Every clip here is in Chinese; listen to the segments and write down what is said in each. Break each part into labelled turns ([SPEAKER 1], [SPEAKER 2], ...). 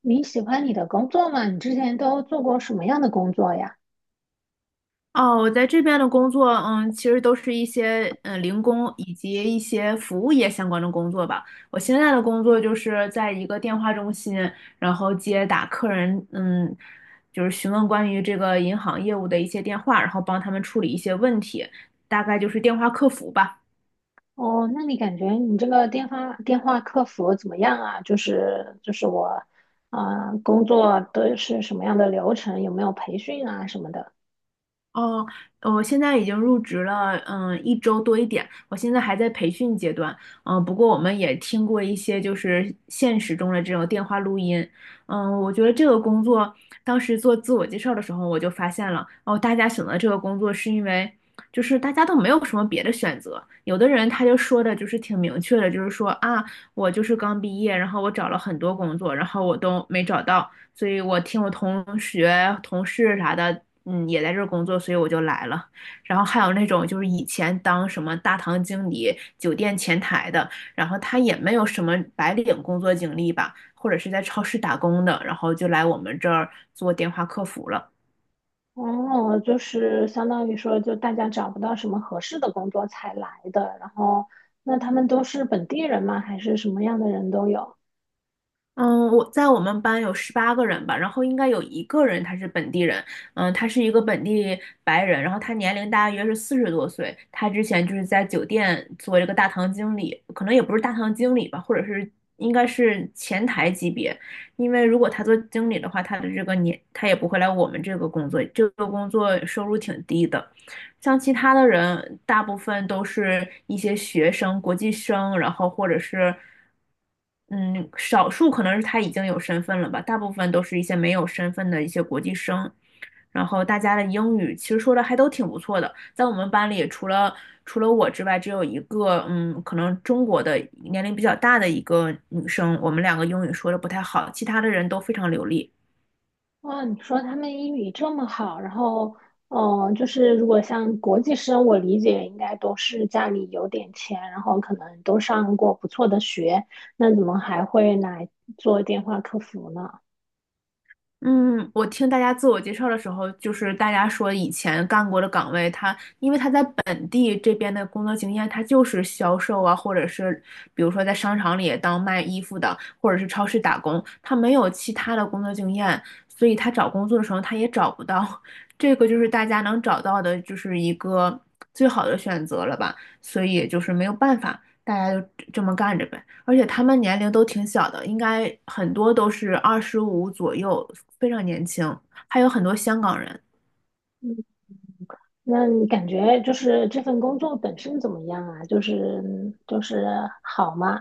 [SPEAKER 1] 你喜欢你的工作吗？你之前都做过什么样的工作呀？
[SPEAKER 2] 哦，我在这边的工作，其实都是一些零工以及一些服务业相关的工作吧。我现在的工作就是在一个电话中心，然后接打客人，就是询问关于这个银行业务的一些电话，然后帮他们处理一些问题，大概就是电话客服吧。
[SPEAKER 1] 哦，那你感觉你这个电话客服怎么样啊？就是就是我，啊、工作都是什么样的流程？有没有培训啊什么的？
[SPEAKER 2] 哦，我现在已经入职了，一周多一点。我现在还在培训阶段，不过我们也听过一些就是现实中的这种电话录音，我觉得这个工作当时做自我介绍的时候，我就发现了，哦，大家选择这个工作是因为就是大家都没有什么别的选择，有的人他就说的就是挺明确的，就是说啊，我就是刚毕业，然后我找了很多工作，然后我都没找到。所以我听我同学、同事啥的，也在这儿工作，所以我就来了。然后还有那种就是以前当什么大堂经理、酒店前台的，然后他也没有什么白领工作经历吧，或者是在超市打工的，然后就来我们这儿做电话客服了。
[SPEAKER 1] 哦，就是相当于说，就大家找不到什么合适的工作才来的，然后那他们都是本地人吗？还是什么样的人都有？
[SPEAKER 2] 嗯，我在我们班有十八个人吧，然后应该有一个人他是本地人，他是一个本地白人，然后他年龄大约是40多岁，他之前就是在酒店做这个大堂经理，可能也不是大堂经理吧，或者是应该是前台级别，因为如果他做经理的话，他的这个年他也不会来我们这个工作，这个工作收入挺低的。像其他的人，大部分都是一些学生、国际生，然后或者是嗯，少数可能是他已经有身份了吧，大部分都是一些没有身份的一些国际生。然后大家的英语其实说的还都挺不错的，在我们班里除了我之外，只有一个可能中国的年龄比较大的一个女生，我们两个英语说的不太好，其他的人都非常流利。
[SPEAKER 1] 哇，你说他们英语这么好，然后，就是如果像国际生，我理解应该都是家里有点钱，然后可能都上过不错的学，那怎么还会来做电话客服呢？
[SPEAKER 2] 嗯，我听大家自我介绍的时候，就是大家说以前干过的岗位，因为他在本地这边的工作经验，他就是销售啊，或者是比如说在商场里当卖衣服的，或者是超市打工，他没有其他的工作经验，所以他找工作的时候他也找不到。这个就是大家能找到的，就是一个最好的选择了吧，所以也就是没有办法，大家就这么干着呗。而且他们年龄都挺小的，应该很多都是25左右，非常年轻，还有很多香港人。
[SPEAKER 1] 那你感觉就是这份工作本身怎么样啊？就是好吗？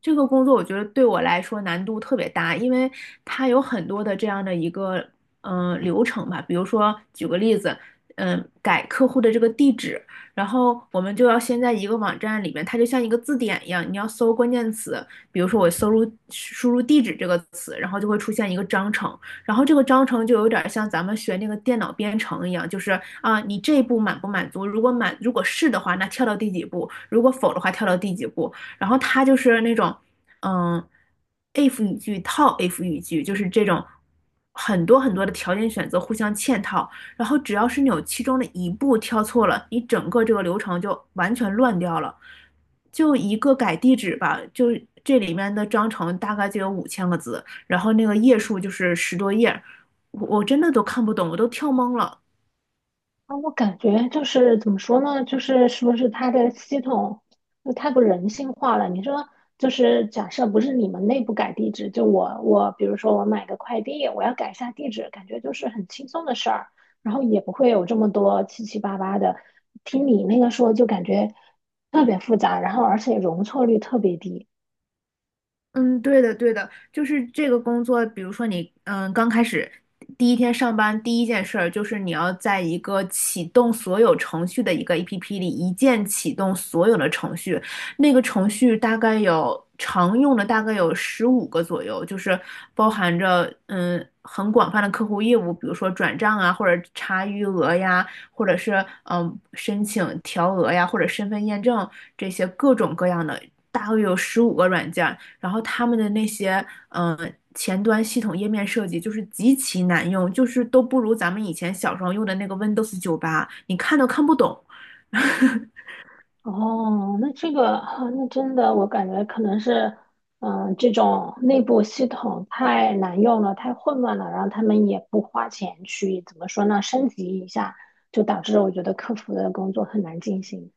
[SPEAKER 2] 这个工作我觉得对我来说难度特别大，因为它有很多的这样的一个流程吧。比如说，举个例子，改客户的这个地址，然后我们就要先在一个网站里面，它就像一个字典一样，你要搜关键词，比如说我输入地址这个词，然后就会出现一个章程，然后这个章程就有点像咱们学那个电脑编程一样，就是啊，你这一步满不满足？如果是的话，那跳到第几步；如果否的话，跳到第几步。然后他就是那种，嗯，if 语句套 if 语句，就是这种很多很多的条件选择互相嵌套，然后只要是你有其中的一步跳错了，你整个这个流程就完全乱掉了。就一个改地址吧，就这里面的章程大概就有五千个字，然后那个页数就是十多页，我真的都看不懂，我都跳懵了。
[SPEAKER 1] 啊，我感觉就是怎么说呢？就是是不是它的系统就太不人性化了？你说，就是假设不是你们内部改地址，就我比如说我买个快递，我要改一下地址，感觉就是很轻松的事儿，然后也不会有这么多七七八八的。听你那个说，就感觉特别复杂，然后而且容错率特别低。
[SPEAKER 2] 嗯，对的，对的，就是这个工作，比如说你，刚开始第一天上班，第一件事儿就是你要在一个启动所有程序的一个 APP 里，一键启动所有的程序。那个程序大概有常用的大概有十五个左右，就是包含着很广泛的客户业务，比如说转账啊，或者查余额呀，或者是申请调额呀，或者身份验证这些各种各样的，大概有十五个软件。然后他们的那些嗯、呃前端系统页面设计就是极其难用，就是都不如咱们以前小时候用的那个 Windows 98，你看都看不懂。
[SPEAKER 1] 哦，那这个啊，那真的，我感觉可能是，嗯，这种内部系统太难用了，太混乱了，然后他们也不花钱去，怎么说呢，升级一下，就导致我觉得客服的工作很难进行。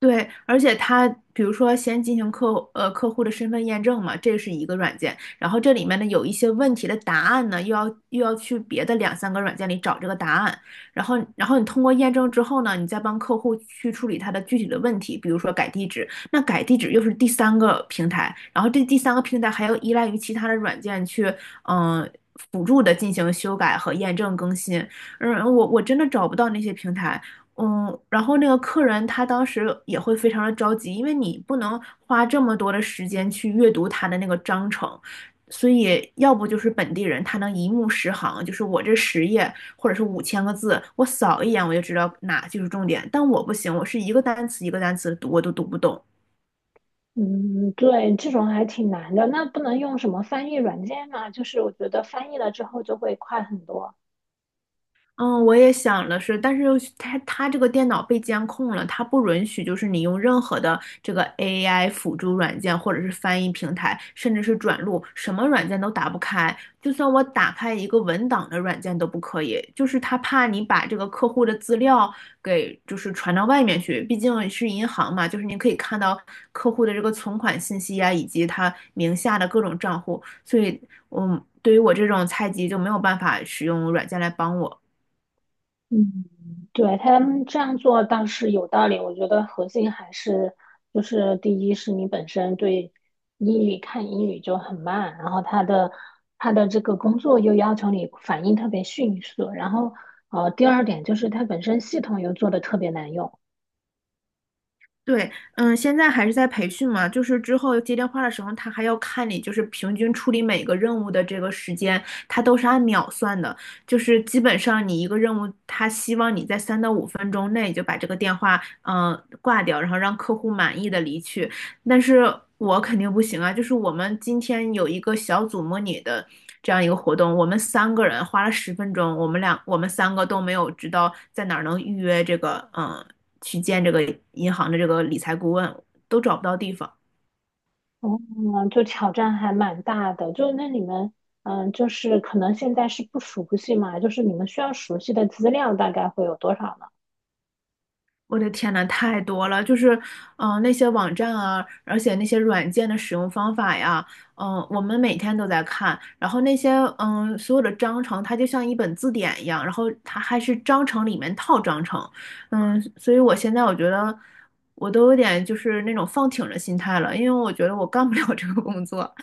[SPEAKER 2] 对，而且它比如说先进行客户的身份验证嘛，这是一个软件，然后这里面呢有一些问题的答案呢，又要去别的两三个软件里找这个答案，然后你通过验证之后呢，你再帮客户去处理他的具体的问题，比如说改地址，那改地址又是第三个平台，然后这第三个平台还要依赖于其他的软件去嗯、呃辅助的进行修改和验证更新，我真的找不到那些平台。然后那个客人他当时也会非常的着急，因为你不能花这么多的时间去阅读他的那个章程，所以要不就是本地人他能一目十行，就是我这十页或者是五千个字，我扫一眼我就知道哪就是重点，但我不行，我是一个单词一个单词地读我都读不懂。
[SPEAKER 1] 嗯，对，这种还挺难的。那不能用什么翻译软件吗？就是我觉得翻译了之后就会快很多。
[SPEAKER 2] 嗯，我也想的是，但是他它它这个电脑被监控了，它不允许就是你用任何的这个 AI 辅助软件或者是翻译平台，甚至是转录，什么软件都打不开。就算我打开一个文档的软件都不可以，就是他怕你把这个客户的资料给就是传到外面去，毕竟是银行嘛，就是你可以看到客户的这个存款信息啊，以及他名下的各种账户，所以，对于我这种菜鸡就没有办法使用软件来帮我。
[SPEAKER 1] 嗯，对，他们这样做倒是有道理。我觉得核心还是就是，第一是你本身对英语看英语就很慢，然后他的这个工作又要求你反应特别迅速，然后第二点就是它本身系统又做的特别难用，
[SPEAKER 2] 对，现在还是在培训嘛，就是之后接电话的时候，他还要看你就是平均处理每个任务的这个时间，他都是按秒算的，就是基本上你一个任务，他希望你在3到5分钟内就把这个电话嗯、呃挂掉，然后让客户满意的离去。但是我肯定不行啊，就是我们今天有一个小组模拟的这样一个活动，我们三个人花了十分钟，我们三个都没有知道在哪儿能预约这个去见这个银行的这个理财顾问，都找不到地方。
[SPEAKER 1] 嗯，就挑战还蛮大的。就那你们嗯，就是可能现在是不熟悉嘛，就是你们需要熟悉的资料大概会有多少呢？
[SPEAKER 2] 我的天呐，太多了，就是，那些网站啊，而且那些软件的使用方法呀，我们每天都在看，然后那些，所有的章程，它就像一本字典一样，然后它还是章程里面套章程，所以我现在我觉得我都有点就是那种放挺的心态了，因为我觉得我干不了这个工作。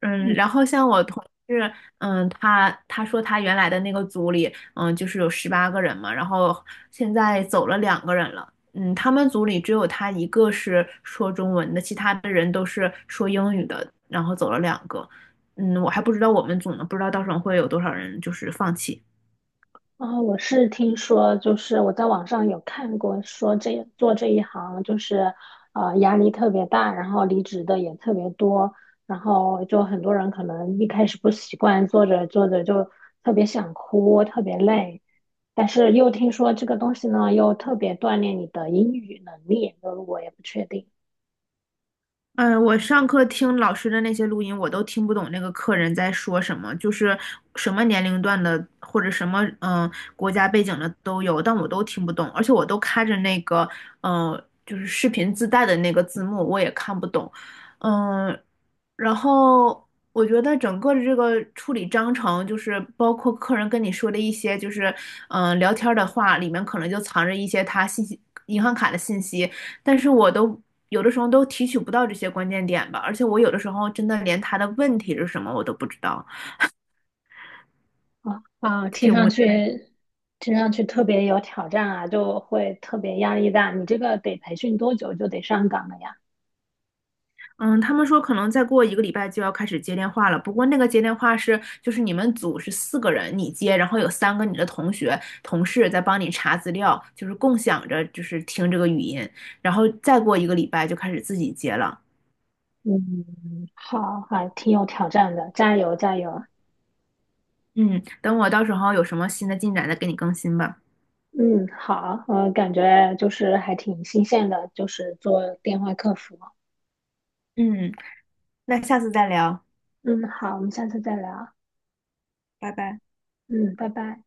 [SPEAKER 2] 然后像我同事，他说他原来的那个组里，就是有十八个人嘛，然后现在走了两个人了，他们组里只有他一个是说中文的，其他的人都是说英语的，然后走了两个，我还不知道我们组呢，不知道到时候会有多少人就是放弃。
[SPEAKER 1] 我是听说，就是我在网上有看过，说这做这一行就是，压力特别大，然后离职的也特别多，然后就很多人可能一开始不习惯，做着做着就特别想哭，特别累，但是又听说这个东西呢，又特别锻炼你的英语能力，就是我也不确定
[SPEAKER 2] 我上课听老师的那些录音，我都听不懂那个客人在说什么，就是什么年龄段的或者什么国家背景的都有，但我都听不懂，而且我都开着那个就是视频自带的那个字幕，我也看不懂。嗯、然后我觉得整个的这个处理章程，就是包括客人跟你说的一些，就是聊天儿的话，里面可能就藏着一些他信息、银行卡的信息，但是我都有的时候都提取不到这些关键点吧，而且我有的时候真的连他的问题是什么我都不知道。
[SPEAKER 1] 啊啊，听上去特别有挑战啊，就会特别压力大。你这个得培训多久就得上岗了呀？
[SPEAKER 2] 嗯，他们说可能再过一个礼拜就要开始接电话了。不过那个接电话是，就是你们组是四个人，你接，然后有三个你的同学、同事在帮你查资料，就是共享着，就是听这个语音。然后再过一个礼拜就开始自己接了。
[SPEAKER 1] 嗯，好，还挺有挑战的，加油加油。
[SPEAKER 2] 嗯，等我到时候有什么新的进展再给你更新吧。
[SPEAKER 1] 嗯，好，我感觉就是还挺新鲜的，就是做电话客服。
[SPEAKER 2] 嗯，那下次再聊，
[SPEAKER 1] 嗯，好，我们下次再聊。
[SPEAKER 2] 拜拜。
[SPEAKER 1] 嗯，拜拜。